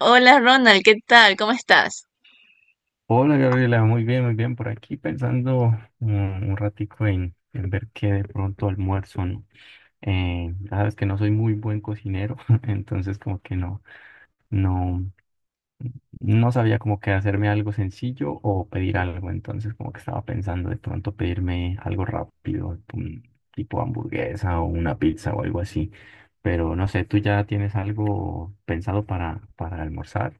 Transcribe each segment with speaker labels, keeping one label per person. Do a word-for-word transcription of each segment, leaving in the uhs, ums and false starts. Speaker 1: Hola Ronald, ¿qué tal? ¿Cómo estás?
Speaker 2: Hola Gabriela, muy bien, muy bien. Por aquí pensando mm, un ratico en, en ver qué de pronto almuerzo, ¿no? Eh, ya sabes que no soy muy buen cocinero, entonces como que no, no, no sabía como que hacerme algo sencillo o pedir algo, entonces como que estaba pensando de pronto pedirme algo rápido, un tipo hamburguesa o una pizza o algo así. Pero no sé, ¿tú ya tienes algo pensado para, para almorzar?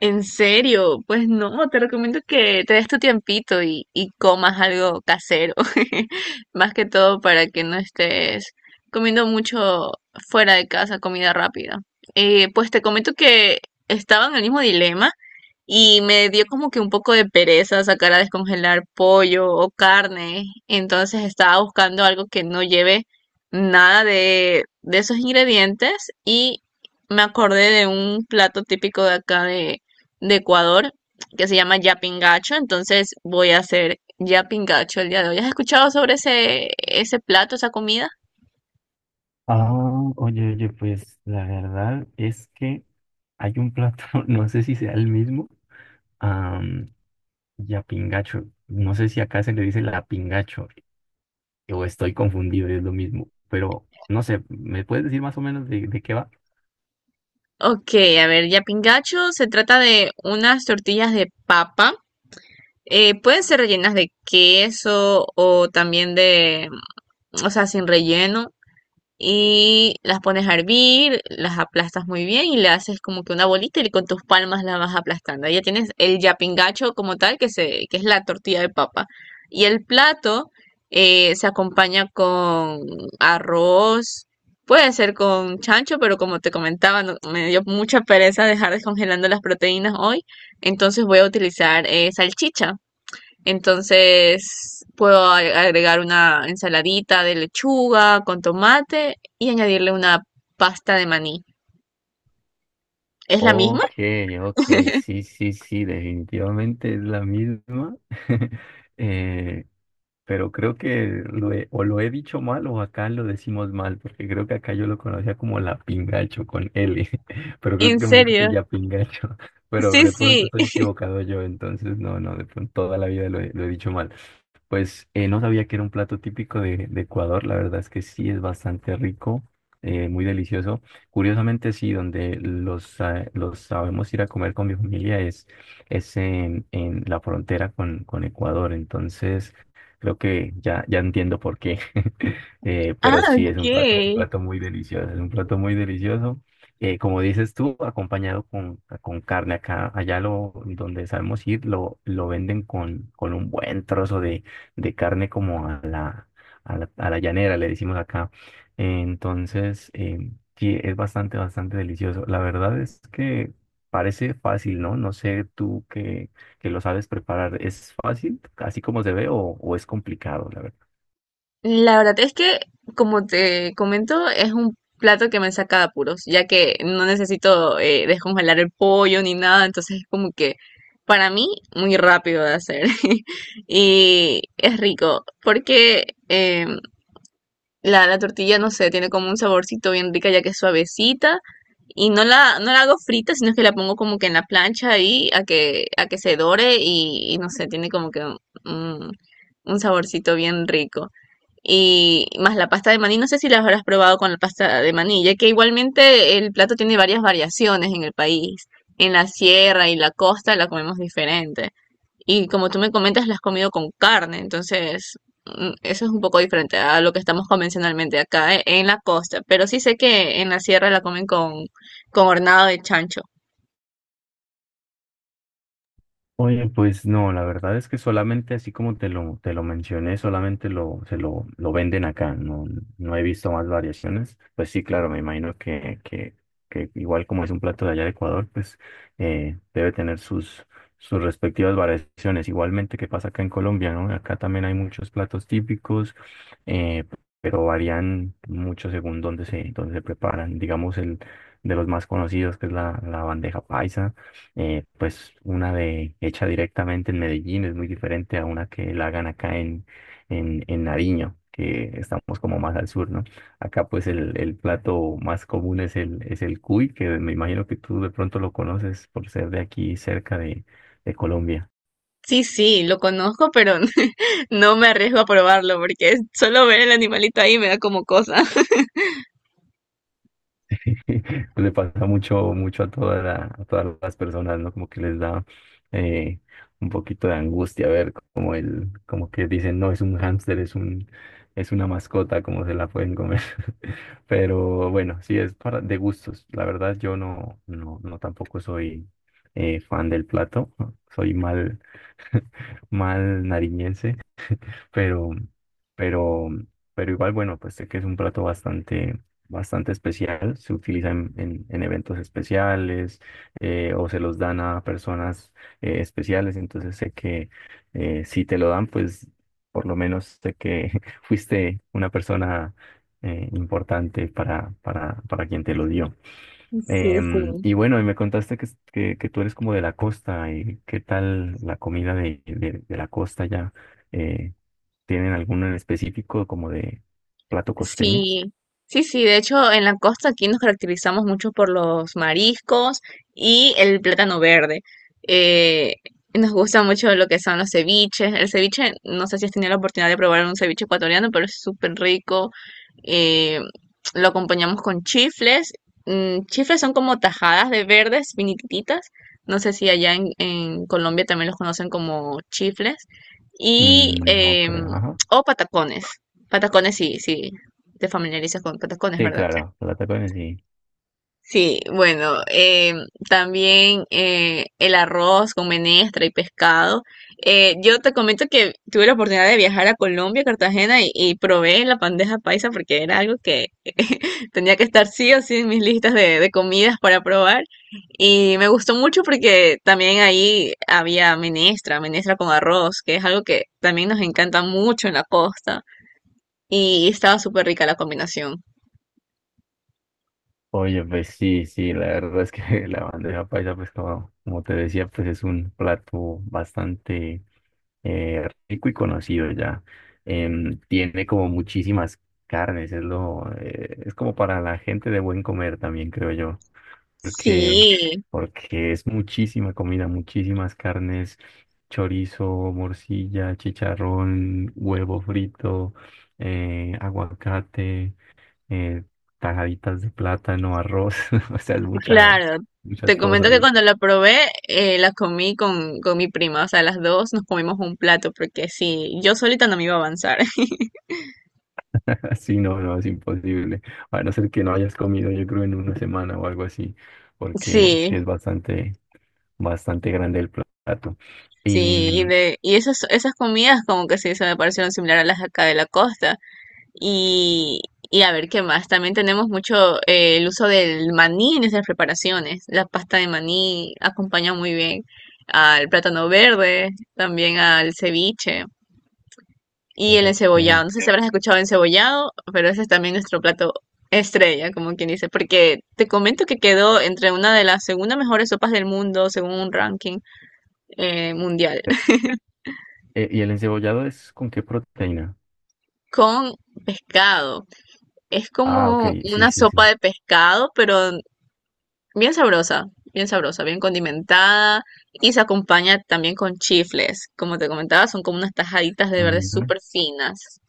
Speaker 1: En serio, pues no, te recomiendo que te des tu tiempito y, y comas algo casero, más que todo para que no estés comiendo mucho fuera de casa, comida rápida. Eh, pues te comento que estaba en el mismo dilema y me dio como que un poco de pereza sacar a descongelar pollo o carne, entonces estaba buscando algo que no lleve nada de, de esos ingredientes y me acordé de un plato típico de acá de, de Ecuador que se llama yapingacho, entonces voy a hacer yapingacho el día de hoy. ¿Has escuchado sobre ese, ese plato, esa comida?
Speaker 2: Ah, oye, oye, pues la verdad es que hay un plato, no sé si sea el mismo, am, yapingacho. No sé si acá se le dice la pingacho o estoy confundido, es lo mismo. Pero no sé, ¿me puedes decir más o menos de, de qué va?
Speaker 1: Ok, a ver, yapingacho se trata de unas tortillas de papa. Eh, pueden ser rellenas de queso o también de, o sea, sin relleno. Y las pones a hervir, las aplastas muy bien y le haces como que una bolita y con tus palmas la vas aplastando. Ahí ya tienes el yapingacho como tal, que, se, que es la tortilla de papa. Y el plato eh, se acompaña con arroz, puede ser con chancho, pero como te comentaba, no- me dio mucha pereza dejar descongelando las proteínas hoy, entonces voy a utilizar eh, salchicha. Entonces puedo a- agregar una ensaladita de lechuga con tomate y añadirle una pasta de maní. ¿Es la misma?
Speaker 2: Ok, ok, sí, sí, sí, definitivamente es la misma. Eh, pero creo que lo he- o lo he dicho mal o acá lo decimos mal, porque creo que acá yo lo conocía como la pingacho con L, pero creo
Speaker 1: ¿En
Speaker 2: que me dijiste
Speaker 1: serio?
Speaker 2: ya pingacho, pero
Speaker 1: Sí,
Speaker 2: de pronto
Speaker 1: sí.
Speaker 2: estoy equivocado yo, entonces no, no, de pronto toda la vida lo he, lo he dicho mal. Pues eh, no sabía que era un plato típico de, de Ecuador, la verdad es que sí es bastante rico, eh, muy delicioso. Curiosamente sí, donde los, eh, los sabemos ir a comer con mi familia es, es en, en la frontera con, con Ecuador, entonces... Creo que ya, ya entiendo por qué. Eh,
Speaker 1: Ah,
Speaker 2: pero sí, es un plato, un
Speaker 1: ok.
Speaker 2: plato muy delicioso, es un plato muy delicioso. Eh, como dices tú, acompañado con, con carne. Acá, allá lo, donde sabemos ir, lo, lo venden con, con un buen trozo de, de carne como a la, a la, a la llanera, le decimos acá. Entonces, eh, sí, es bastante, bastante delicioso. La verdad es que parece fácil, ¿no? No sé tú qué que lo sabes preparar, ¿es fácil, así como se ve, o, o es complicado, la verdad?
Speaker 1: La verdad es que, como te comento, es un plato que me saca de apuros, ya que no necesito eh, descongelar el pollo ni nada, entonces es como que para mí muy rápido de hacer y es rico, porque em, la, la tortilla, no sé, tiene como un saborcito bien rica ya que es suavecita y no la, no la hago frita, sino que la pongo como que en la plancha ahí a que, a que se dore y, y no sé, tiene como que un, un saborcito bien rico y más la pasta de maní. No sé si la habrás probado con la pasta de maní, ya que igualmente el plato tiene varias variaciones en el país. En la sierra y la costa la comemos diferente. Y como tú me comentas, la has comido con carne, entonces mm, eso es un poco diferente a lo que estamos convencionalmente acá eh, en la costa. Pero sí sé que en la sierra la comen con, con hornado de chancho.
Speaker 2: Oye, pues no, la verdad es que solamente así como te lo, te lo mencioné, solamente lo, se lo, lo venden acá, no, no he visto más variaciones. Pues sí, claro, me imagino que, que, que igual como es un plato de allá de Ecuador, pues eh, debe tener sus, sus respectivas variaciones. Igualmente que pasa acá en Colombia, ¿no? Acá también hay muchos platos típicos, eh, pero varían mucho según dónde se, dónde se preparan. Digamos, el de los más conocidos, que es la, la bandeja paisa. Eh, pues una de hecha directamente en Medellín es muy diferente a una que la hagan acá en, en, en Nariño, que estamos como más al sur, ¿no? Acá pues el, el plato más común es el, es el cuy, que me imagino que tú de pronto lo conoces por ser de aquí cerca de, de Colombia.
Speaker 1: Sí, sí, lo conozco, pero no me arriesgo a probarlo porque solo ver el animalito ahí me da como cosa.
Speaker 2: Le pasa mucho, mucho a toda la- a todas las personas, ¿no? Como que les da eh, un poquito de angustia ver como el, como que dicen, no, es un hámster, es un, es una mascota, como se la pueden comer. Pero bueno, sí es para de gustos. La verdad, yo no, no, no tampoco soy eh, fan del plato. Soy mal, mal nariñense, pero, pero, pero igual, bueno, pues sé que es un plato bastante, bastante especial, se utiliza en, en- en eventos especiales, eh, o se los dan a personas eh, especiales, entonces sé que eh, si te lo dan, pues por lo menos sé que fuiste una persona eh, importante para, para, para quien te lo dio.
Speaker 1: Sí,
Speaker 2: Em,
Speaker 1: sí.
Speaker 2: y bueno, y me contaste que, es- que, que tú eres como de la costa, y qué tal la comida de, de, de la costa ya. ¿Tienen alguno en específico como de plato costeño?
Speaker 1: Sí, sí, sí, de hecho en la costa aquí nos caracterizamos mucho por los mariscos y el plátano verde. Eh, Nos gusta mucho lo que son los ceviches. El ceviche, no sé si has tenido la oportunidad de probar un ceviche ecuatoriano, pero es súper rico. Eh, lo acompañamos con chifles. Mm, chifles son como tajadas de verdes finititas. No sé si allá en, en Colombia también los conocen como chifles. Y,
Speaker 2: Mm, no
Speaker 1: em,
Speaker 2: creo, ajá.
Speaker 1: o patacones. Patacones, sí, sí te familiarizas con patacones,
Speaker 2: Sí,
Speaker 1: ¿verdad?
Speaker 2: claro, plata costeño sí.
Speaker 1: Sí, bueno, eh, también eh, el arroz con menestra y pescado. Eh, yo te comento que tuve la oportunidad de viajar a Colombia, Cartagena, y, y probé la bandeja paisa porque era algo que tenía que estar sí o sí en mis listas de, de comidas para probar. Y me gustó mucho porque también ahí había menestra, menestra con arroz, que es algo que también nos encanta mucho en la costa. Y estaba súper rica la combinación.
Speaker 2: Oye, pues sí, sí, la verdad es que la bandeja paisa, pues como, como te decía, pues es un plato bastante eh, rico y conocido ya. Em, tiene como muchísimas carnes, es lo, eh, es como para la gente de buen comer también, creo yo. porque,
Speaker 1: Sí.
Speaker 2: porque es muchísima comida, muchísimas carnes, chorizo, morcilla, chicharrón, huevo frito, eh, aguacate, eh, tajaditas de plátano, arroz, o sea, es mucha,
Speaker 1: Claro,
Speaker 2: muchas
Speaker 1: te comento que
Speaker 2: cosas.
Speaker 1: cuando la probé, eh, la comí con, con mi prima, o sea, las dos nos comimos un plato, porque sí, yo solita no me iba a avanzar.
Speaker 2: Sí, no, no, es imposible. A no ser que no hayas comido, yo creo, en una semana o algo así, porque
Speaker 1: Sí,
Speaker 2: sí es bastante, bastante grande el plato. Y,
Speaker 1: sí, y, de, y esas, esas comidas como que sí se me parecieron similar a las de acá de la costa. Y, y a ver qué más, también tenemos mucho eh, el uso del maní en esas preparaciones. La pasta de maní acompaña muy bien al plátano verde, también al ceviche. Y el encebollado,
Speaker 2: ok.
Speaker 1: no sé, sí, si habrás escuchado encebollado, pero ese es también nuestro plato estrella, como quien dice, porque te comento que quedó entre una de las segunda mejores sopas del mundo, según un ranking eh, mundial,
Speaker 2: Eh, ¿y el encebollado es con qué proteína?
Speaker 1: con pescado. Es
Speaker 2: Ah, ok,
Speaker 1: como
Speaker 2: sí,
Speaker 1: una
Speaker 2: sí,
Speaker 1: sopa
Speaker 2: sí.
Speaker 1: de pescado, pero bien sabrosa, bien sabrosa, bien condimentada y se acompaña también con chifles. Como te comentaba, son como unas tajaditas de verde
Speaker 2: Ujú.
Speaker 1: súper finas.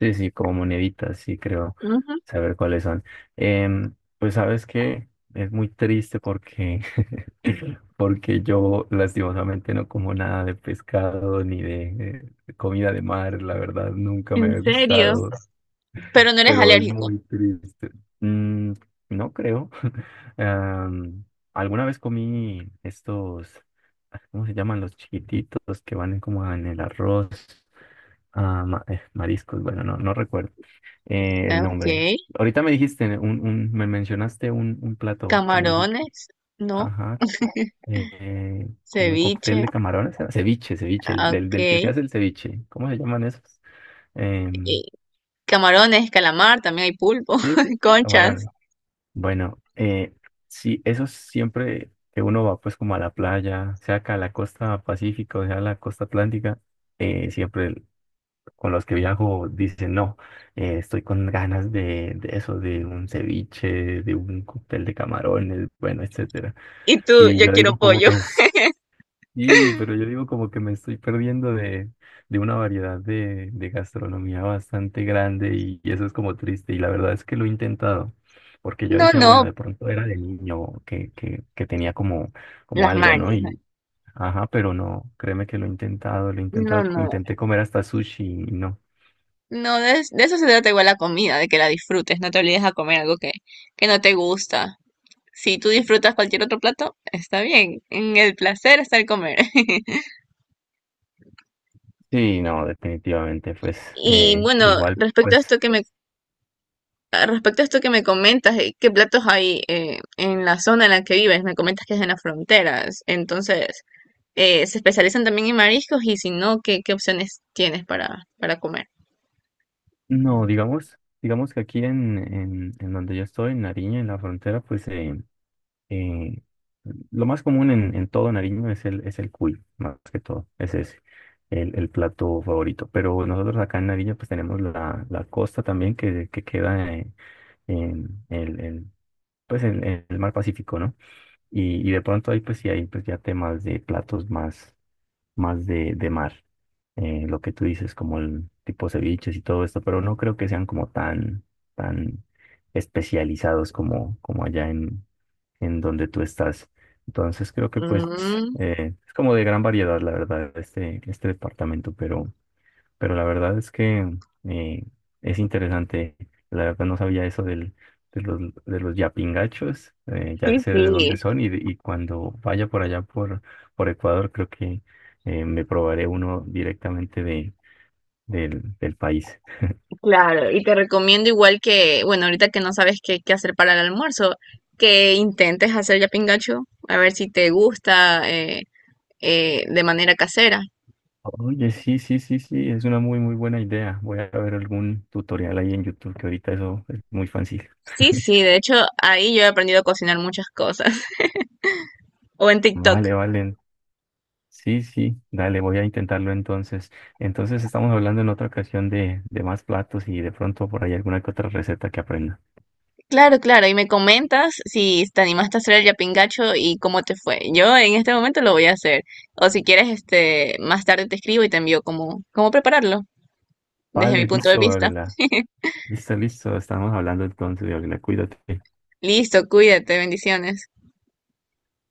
Speaker 2: Sí, sí, como moneditas, sí, creo
Speaker 1: Ujú,
Speaker 2: saber cuáles son. Em, pues sabes que es muy triste porque, porque yo lastimosamente no como nada de pescado ni de eh, comida de mar, la verdad, nunca me
Speaker 1: ¿en
Speaker 2: ha
Speaker 1: serio?
Speaker 2: gustado.
Speaker 1: Pero no eres
Speaker 2: Pero es
Speaker 1: alérgico.
Speaker 2: muy triste. Mm, no creo. Am, Alguna vez comí estos, ah, ¿cómo se llaman? Los chiquititos que van como en el arroz. Ah, ma- eh, mariscos, bueno, no, no recuerdo eh, el
Speaker 1: Ok.
Speaker 2: nombre. Ahorita me dijiste, un, un, me mencionaste un, un plato que me dijiste,
Speaker 1: Camarones, ¿no?
Speaker 2: ajá, eh, como un
Speaker 1: Ceviche,
Speaker 2: cóctel de camarones, ¿era? Ceviche, ceviche, el,
Speaker 1: ah,
Speaker 2: del del que se
Speaker 1: ok.
Speaker 2: hace el ceviche. ¿Cómo se llaman esos? Em,
Speaker 1: Y camarones, calamar, también hay pulpo,
Speaker 2: sí, sí,
Speaker 1: conchas.
Speaker 2: camarones. Bueno, eh, sí, eso siempre que uno va pues como a la playa, sea acá a la costa pacífica o sea a la costa atlántica, eh, siempre el- con los que viajo dicen, no, eh, estoy con ganas de, de eso, de un ceviche, de un cóctel de camarones, bueno, etcétera.
Speaker 1: Y tú,
Speaker 2: Y
Speaker 1: yo
Speaker 2: yo
Speaker 1: quiero
Speaker 2: digo como
Speaker 1: pollo.
Speaker 2: que y, pero yo digo como que me estoy perdiendo de, de una variedad de, de gastronomía bastante grande y, y eso es como triste. Y la verdad es que lo he intentado, porque yo
Speaker 1: No,
Speaker 2: decía, bueno,
Speaker 1: no,
Speaker 2: de pronto era de niño que, que, que tenía como, como
Speaker 1: las
Speaker 2: algo, ¿no?
Speaker 1: mañas.
Speaker 2: Y, ajá, pero no, créeme que lo he intentado, lo he
Speaker 1: No,
Speaker 2: intentado, co-
Speaker 1: no.
Speaker 2: intenté comer hasta sushi y no.
Speaker 1: No, de, es- de eso se trata igual la comida, de que la disfrutes. No te olvides a comer algo que, que no te gusta. Si tú disfrutas cualquier otro plato, está bien. En el placer está el comer.
Speaker 2: Sí, no, definitivamente, pues
Speaker 1: Y
Speaker 2: eh,
Speaker 1: bueno,
Speaker 2: igual,
Speaker 1: respecto a
Speaker 2: pues
Speaker 1: esto que me Ah, Respecto a esto que me comentas, eh, ¿qué platos hay eh, en la zona en la que vives? Me comentas que es en las fronteras. Entonces, eh, ¿se especializan también en mariscos? Y si no, ¿qué, ¿qué opciones tienes para, para comer?
Speaker 2: no, digamos, digamos que aquí en, en, en donde yo estoy, en Nariño, en la frontera, pues... Eh, eh, lo más común en, en todo Nariño es el, es el cuy, más que todo. Ese Es el, el plato favorito. Pero nosotros acá en Nariño pues tenemos la, la costa también que, que queda en, en el, el- pues en- en el mar Pacífico, ¿no? Y, y de pronto ahí pues sí hay pues ya temas de platos más, más de, de mar. Eh, lo que tú dices, como el tipo ceviches y todo esto, pero no creo que sean como tan, tan especializados como, como allá en donde tú estás. Entonces creo que pues
Speaker 1: Mm,
Speaker 2: eh, es como de gran variedad, la verdad, este, este departamento, pero, pero la verdad es que eh, es interesante. La verdad no sabía eso del, de los, de los yapingachos, eh,
Speaker 1: sí,
Speaker 2: ya sé
Speaker 1: sí,
Speaker 2: de dónde son y, y cuando vaya por allá por, por Ecuador creo que eh, me probaré uno directamente de, del, del país.
Speaker 1: claro. Y te recomiendo igual que, bueno, ahorita que no sabes qué, qué hacer para el almuerzo, que intentes hacer ya pingacho, a ver si te gusta eh, eh, de manera casera.
Speaker 2: Oye, sí, sí, sí, sí, es una muy, muy buena idea. Voy a ver algún tutorial ahí en YouTube, que ahorita eso es muy fácil.
Speaker 1: Sí, sí, de hecho, ahí yo he aprendido a cocinar muchas cosas. O en TikTok.
Speaker 2: Vale, vale. Sí, sí, dale, voy a intentarlo entonces. Entonces estamos hablando en otra ocasión de, de más platos y de pronto por ahí alguna que otra receta que aprenda.
Speaker 1: Claro, claro, y me comentas si te animaste a hacer el yapingacho y cómo te fue. Yo en este momento lo voy a hacer. O si quieres, este, más tarde te escribo y te envío cómo, cómo prepararlo desde mi
Speaker 2: Vale,
Speaker 1: punto de
Speaker 2: listo,
Speaker 1: vista.
Speaker 2: Gabriela. Listo, listo. Estamos hablando entonces, Gabriela. Cuídate.
Speaker 1: Listo, cuídate, bendiciones.